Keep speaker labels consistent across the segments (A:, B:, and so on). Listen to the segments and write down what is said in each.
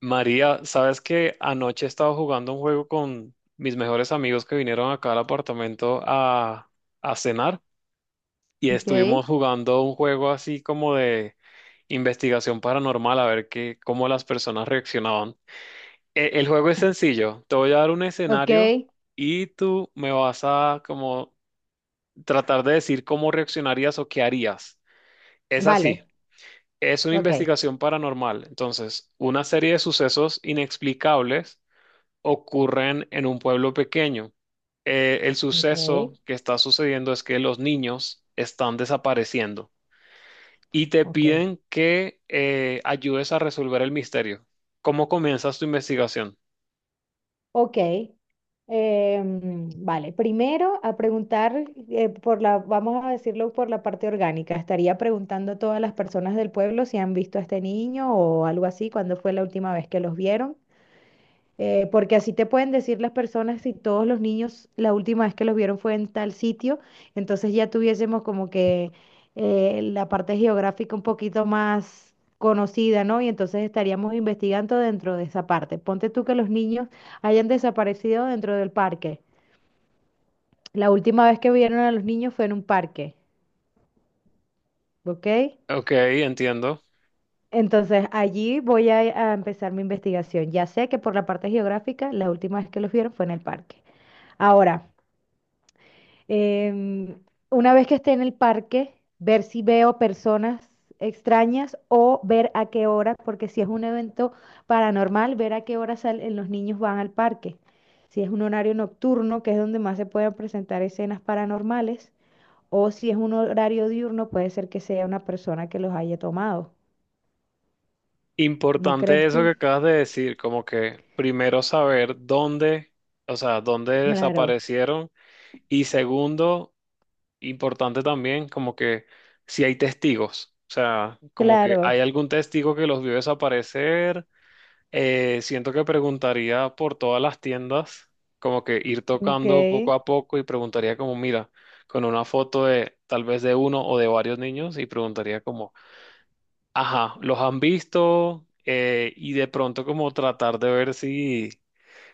A: María, sabes que anoche estaba jugando un juego con mis mejores amigos que vinieron acá al apartamento a cenar y
B: Ok,
A: estuvimos jugando un juego así como de investigación paranormal a ver qué, cómo las personas reaccionaban. El juego es sencillo, te voy a dar un escenario
B: ok,
A: y tú me vas a como tratar de decir cómo reaccionarías o qué harías. Es así,
B: vale,
A: es una
B: ok,
A: investigación paranormal, entonces una serie de sucesos inexplicables ocurren en un pueblo pequeño. El
B: ok,
A: suceso que está sucediendo es que los niños están desapareciendo y te
B: ok,
A: piden que ayudes a resolver el misterio. ¿Cómo comienzas tu investigación?
B: ok. Vale, primero a preguntar vamos a decirlo por la parte orgánica. Estaría preguntando a todas las personas del pueblo si han visto a este niño o algo así, cuándo fue la última vez que los vieron. Porque así te pueden decir las personas si todos los niños la última vez que los vieron fue en tal sitio, entonces ya tuviésemos como que la parte geográfica un poquito más conocida, ¿no? Y entonces estaríamos investigando dentro de esa parte. Ponte tú que los niños hayan desaparecido dentro del parque. La última vez que vieron a los niños fue en un parque, ¿ok?
A: Ok, entiendo.
B: Entonces allí voy a empezar mi investigación. Ya sé que por la parte geográfica, la última vez que los vieron fue en el parque. Ahora, Em, una vez que esté en el parque, ver si veo personas extrañas o ver a qué hora, porque si es un evento paranormal, ver a qué hora salen los niños van al parque. Si es un horario nocturno, que es donde más se pueden presentar escenas paranormales, o si es un horario diurno, puede ser que sea una persona que los haya tomado. ¿No
A: Importante
B: crees
A: eso que
B: tú?
A: acabas de decir, como que primero saber dónde, o sea, dónde
B: Claro,
A: desaparecieron, y segundo, importante también como que si hay testigos, o sea, como que hay
B: claro.
A: algún testigo que los vio desaparecer. Siento que preguntaría por todas las tiendas, como que ir
B: Ok,
A: tocando poco a poco y preguntaría como, mira, con una foto de tal vez de uno o de varios niños, y preguntaría como, ajá, ¿los han visto? Y de pronto como tratar de ver si...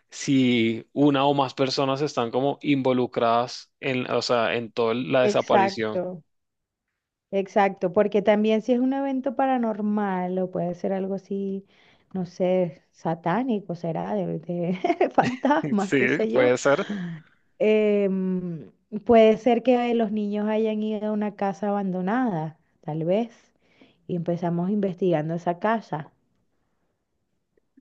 A: si una o más personas están como involucradas en, o sea, en toda la desaparición.
B: exacto. Exacto, porque también si es un evento paranormal o puede ser algo así, no sé, satánico, será, de fantasmas,
A: Sí,
B: qué sé yo.
A: puede ser.
B: em, Puede ser que los niños hayan ido a una casa abandonada, tal vez, y empezamos investigando esa casa,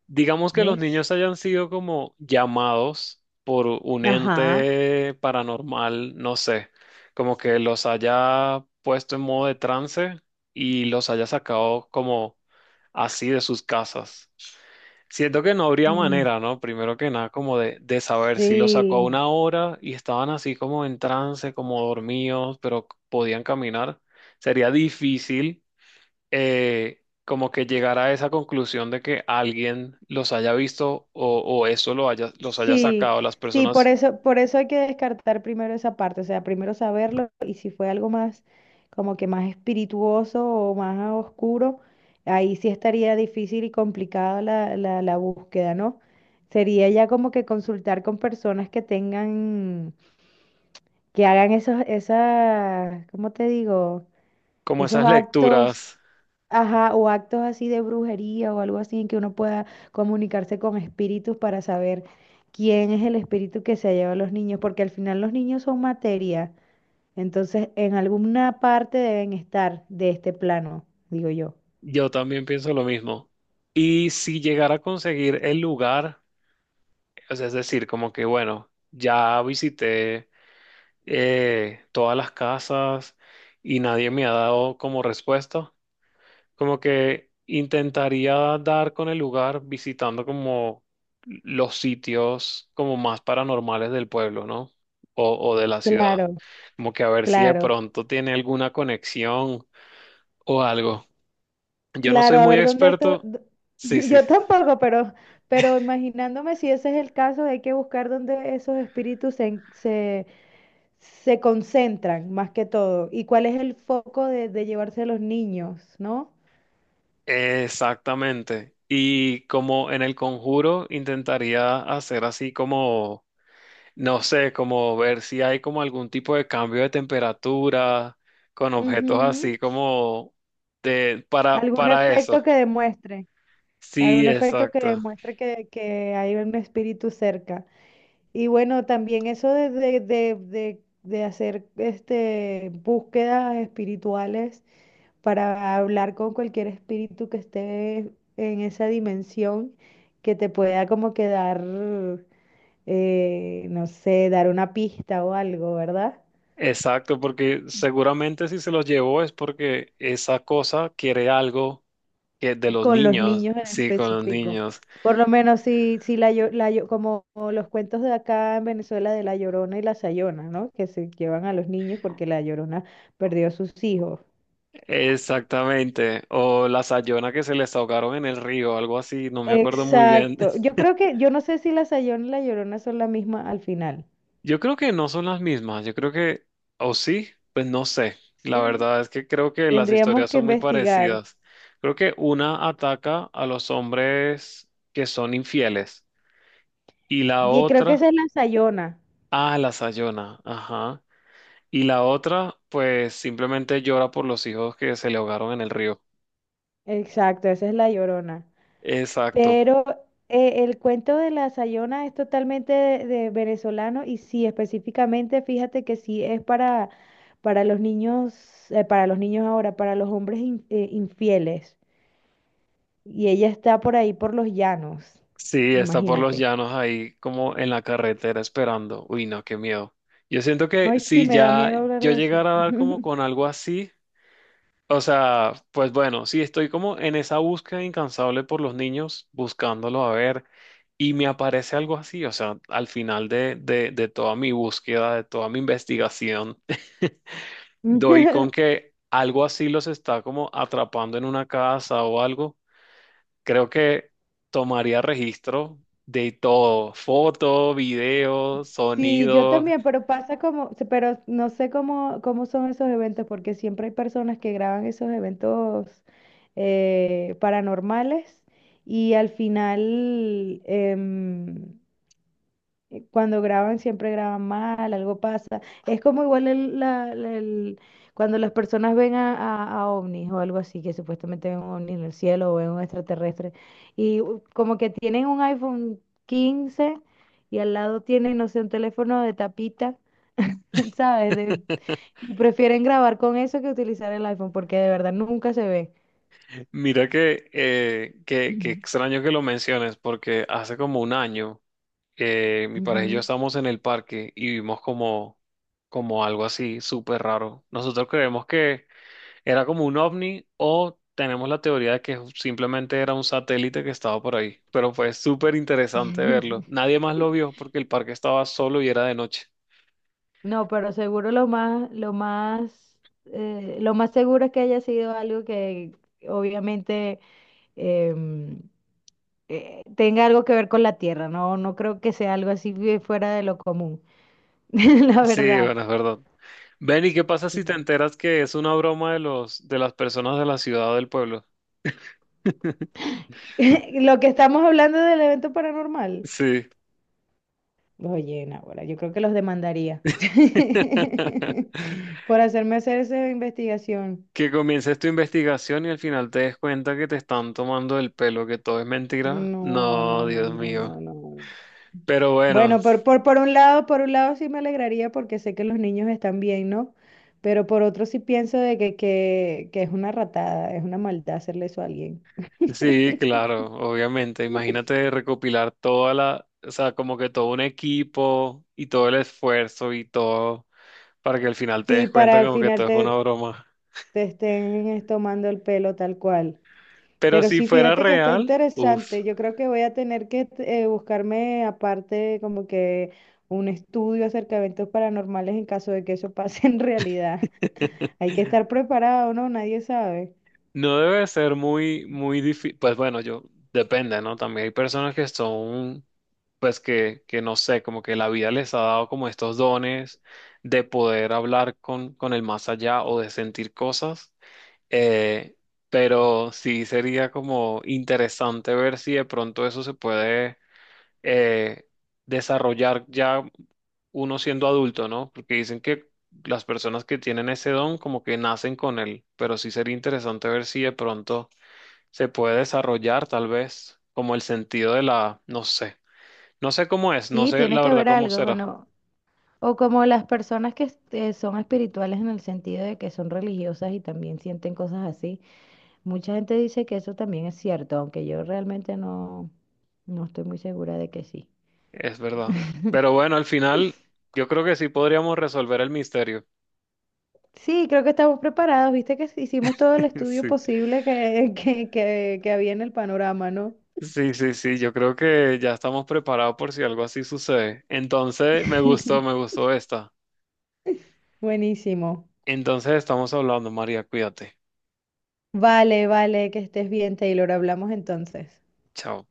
A: Digamos que los
B: ¿ves?
A: niños hayan sido como llamados por un
B: Ajá.
A: ente paranormal, no sé, como que los haya puesto en modo de trance y los haya sacado como así de sus casas. Siento que no habría
B: Mm,
A: manera, ¿no? Primero que nada, como de saber si los sacó a
B: sí,
A: una hora y estaban así como en trance, como dormidos, pero podían caminar. Sería difícil como que llegar a esa conclusión de que alguien los haya visto o eso lo haya, los haya
B: sí,
A: sacado las
B: sí,
A: personas,
B: por eso hay que descartar primero esa parte, o sea, primero saberlo y si fue algo más como que más espirituoso o más oscuro, ahí sí estaría difícil y complicada la búsqueda, ¿no? Sería ya como que consultar con personas que tengan, que hagan esos, esas, ¿cómo te digo?
A: como
B: Esos
A: esas lecturas.
B: actos, ajá, o actos así de brujería o algo así en que uno pueda comunicarse con espíritus para saber quién es el espíritu que se lleva a los niños, porque al final los niños son materia, entonces en alguna parte deben estar de este plano, digo yo.
A: Yo también pienso lo mismo. Y si llegara a conseguir el lugar, o sea, es decir, como que bueno, ya visité todas las casas y nadie me ha dado como respuesta. Como que intentaría dar con el lugar visitando como los sitios como más paranormales del pueblo, ¿no? O de la ciudad.
B: Claro,
A: Como que a ver si de
B: claro,
A: pronto tiene alguna conexión o algo. Yo no soy
B: claro, a
A: muy
B: ver dónde esto,
A: experto. Sí, sí.
B: yo tampoco, pero imaginándome si ese es el caso, hay que buscar dónde esos espíritus se, en- se se concentran más que todo. ¿Y cuál es el foco de llevarse a los niños, no?
A: Exactamente. Y como en el conjuro intentaría hacer así como, no sé, como ver si hay como algún tipo de cambio de temperatura con objetos así
B: Ujú.
A: como de para
B: Algún
A: para eso.
B: efecto que demuestre,
A: Sí,
B: algún efecto que
A: exacto.
B: demuestre que hay un espíritu cerca. Y bueno, también eso de hacer búsquedas espirituales para hablar con cualquier espíritu que esté en esa dimensión que te pueda como quedar no sé, dar una pista o algo, ¿verdad?
A: Exacto, porque seguramente si se los llevó es porque esa cosa quiere algo que de los
B: Con los
A: niños,
B: niños en
A: sí, con los
B: específico.
A: niños.
B: Por lo menos si como los cuentos de acá en Venezuela de la Llorona y la Sayona, ¿no? Que se llevan a los niños porque la Llorona perdió a sus hijos.
A: Exactamente. O la sayona que se les ahogaron en el río, algo así, no me acuerdo muy bien.
B: Exacto. Yo no sé si la Sayona y la Llorona son la misma al final.
A: Yo creo que no son las mismas, yo creo que, o sí, pues no sé. La
B: Sí.
A: verdad es que creo que las
B: Tendríamos
A: historias
B: que
A: son muy
B: investigar.
A: parecidas. Creo que una ataca a los hombres que son infieles, y la
B: Y creo que esa
A: otra
B: es la Sayona.
A: a la Sayona, ajá. Y la otra, pues simplemente llora por los hijos que se le ahogaron en el río.
B: Exacto, esa es la Llorona.
A: Exacto.
B: Pero el cuento de la Sayona es totalmente de venezolano y sí, específicamente, fíjate que sí es para los niños, para los niños ahora, para los hombres infieles. Y ella está por ahí por los llanos,
A: Sí, está por los
B: imagínate.
A: llanos ahí como en la carretera esperando. Uy, no, qué miedo. Yo siento que
B: Ay, sí,
A: si
B: me da
A: ya
B: miedo hablar
A: yo
B: de eso.
A: llegara a dar como con algo así. O sea, pues bueno, sí, estoy como en esa búsqueda incansable por los niños, buscándolos a ver, y me aparece algo así, o sea, al final de toda mi búsqueda, de toda mi investigación, doy con que algo así los está como atrapando en una casa o algo. Creo que tomaría registro de todo, foto, video,
B: Sí, yo
A: sonido.
B: también, pero pasa como, pero no sé cómo, cómo son esos eventos, porque siempre hay personas que graban esos eventos paranormales y al final, cuando graban, siempre graban mal, algo pasa. Es como igual cuando las personas ven a ovnis o algo así, que supuestamente ven un ovni en el cielo o ven un extraterrestre, como que tienen un iPhone 15 y al lado tienen, no sé, un teléfono de tapita, ¿sabes? Y prefieren grabar con eso que utilizar el iPhone, porque de verdad nunca se ve.
A: Mira que, que extraño que lo menciones, porque hace como un año. Mi pareja y yo
B: Ujú.
A: estábamos en el parque y vimos como, como algo así súper raro. Nosotros creemos que era como un ovni, o tenemos la teoría de que simplemente era un satélite que estaba por ahí. Pero fue súper interesante verlo. Nadie más lo vio porque el parque estaba solo y era de noche.
B: No, pero seguro lo más, lo más, lo más seguro es que haya sido algo que obviamente em, tenga algo que ver con la tierra, ¿no? No creo que sea algo así de fuera de lo común, la
A: Sí,
B: verdad.
A: bueno, es verdad. Ven, ¿y qué pasa
B: Sí.
A: si te enteras que es una broma de los, de las personas de la ciudad o del pueblo?
B: Lo que estamos hablando del evento paranormal.
A: Sí.
B: Oye, Nahuela, yo creo que los demandaría por hacerme hacer esa investigación.
A: Que comiences tu investigación y al final te des cuenta que te están tomando el pelo, que todo es mentira.
B: No,
A: No,
B: no, no,
A: Dios
B: no,
A: mío.
B: no, no.
A: Pero bueno,
B: Bueno, por un lado, por un lado sí me alegraría porque sé que los niños están bien, ¿no? Pero por otro sí pienso de que es una ratada, es una maldad hacerle eso a alguien.
A: sí, claro, obviamente. Imagínate recopilar toda la, o sea, como que todo un equipo y todo el esfuerzo y todo para que al final te
B: Sí,
A: des
B: para
A: cuenta
B: al
A: como que
B: final
A: todo es una
B: te,
A: broma.
B: te estén es, tomando el pelo tal cual.
A: Pero
B: Pero
A: si
B: sí,
A: fuera
B: fíjate que está
A: real, uff.
B: interesante. Yo creo que voy a tener que buscarme aparte como que un estudio acerca de eventos paranormales en caso de que eso pase en realidad. Hay que estar preparado, ¿no? Nadie sabe.
A: No debe ser muy, muy difícil. Pues bueno, yo depende, ¿no? También hay personas que son, pues que no sé, como que la vida les ha dado como estos dones de poder hablar con el más allá o de sentir cosas. Eh, pero sí sería como interesante ver si de pronto eso se puede eh, desarrollar ya uno siendo adulto, ¿no? Porque dicen que las personas que tienen ese don como que nacen con él, pero sí sería interesante ver si de pronto se puede desarrollar tal vez como el sentido de la, no sé, no sé cómo es, no
B: Sí,
A: sé
B: tiene
A: la
B: que
A: verdad
B: haber
A: cómo
B: algo.
A: será,
B: Bueno, o como las personas que son espirituales en el sentido de que son religiosas y también sienten cosas así. Mucha gente dice que eso también es cierto, aunque yo realmente no, no estoy muy segura de que sí.
A: es verdad. Pero bueno, al final yo creo que sí podríamos resolver el misterio.
B: Sí, creo que estamos preparados, viste que hicimos todo el estudio posible que, que había en el panorama, ¿no?
A: Sí, sí, sí, sí, yo creo que ya estamos preparados por si algo así sucede. Entonces, me gustó esta.
B: Buenísimo.
A: Entonces, estamos hablando, María, cuídate.
B: Vale, vale, que estés bien, Taylor. Hablamos entonces.
A: Chao.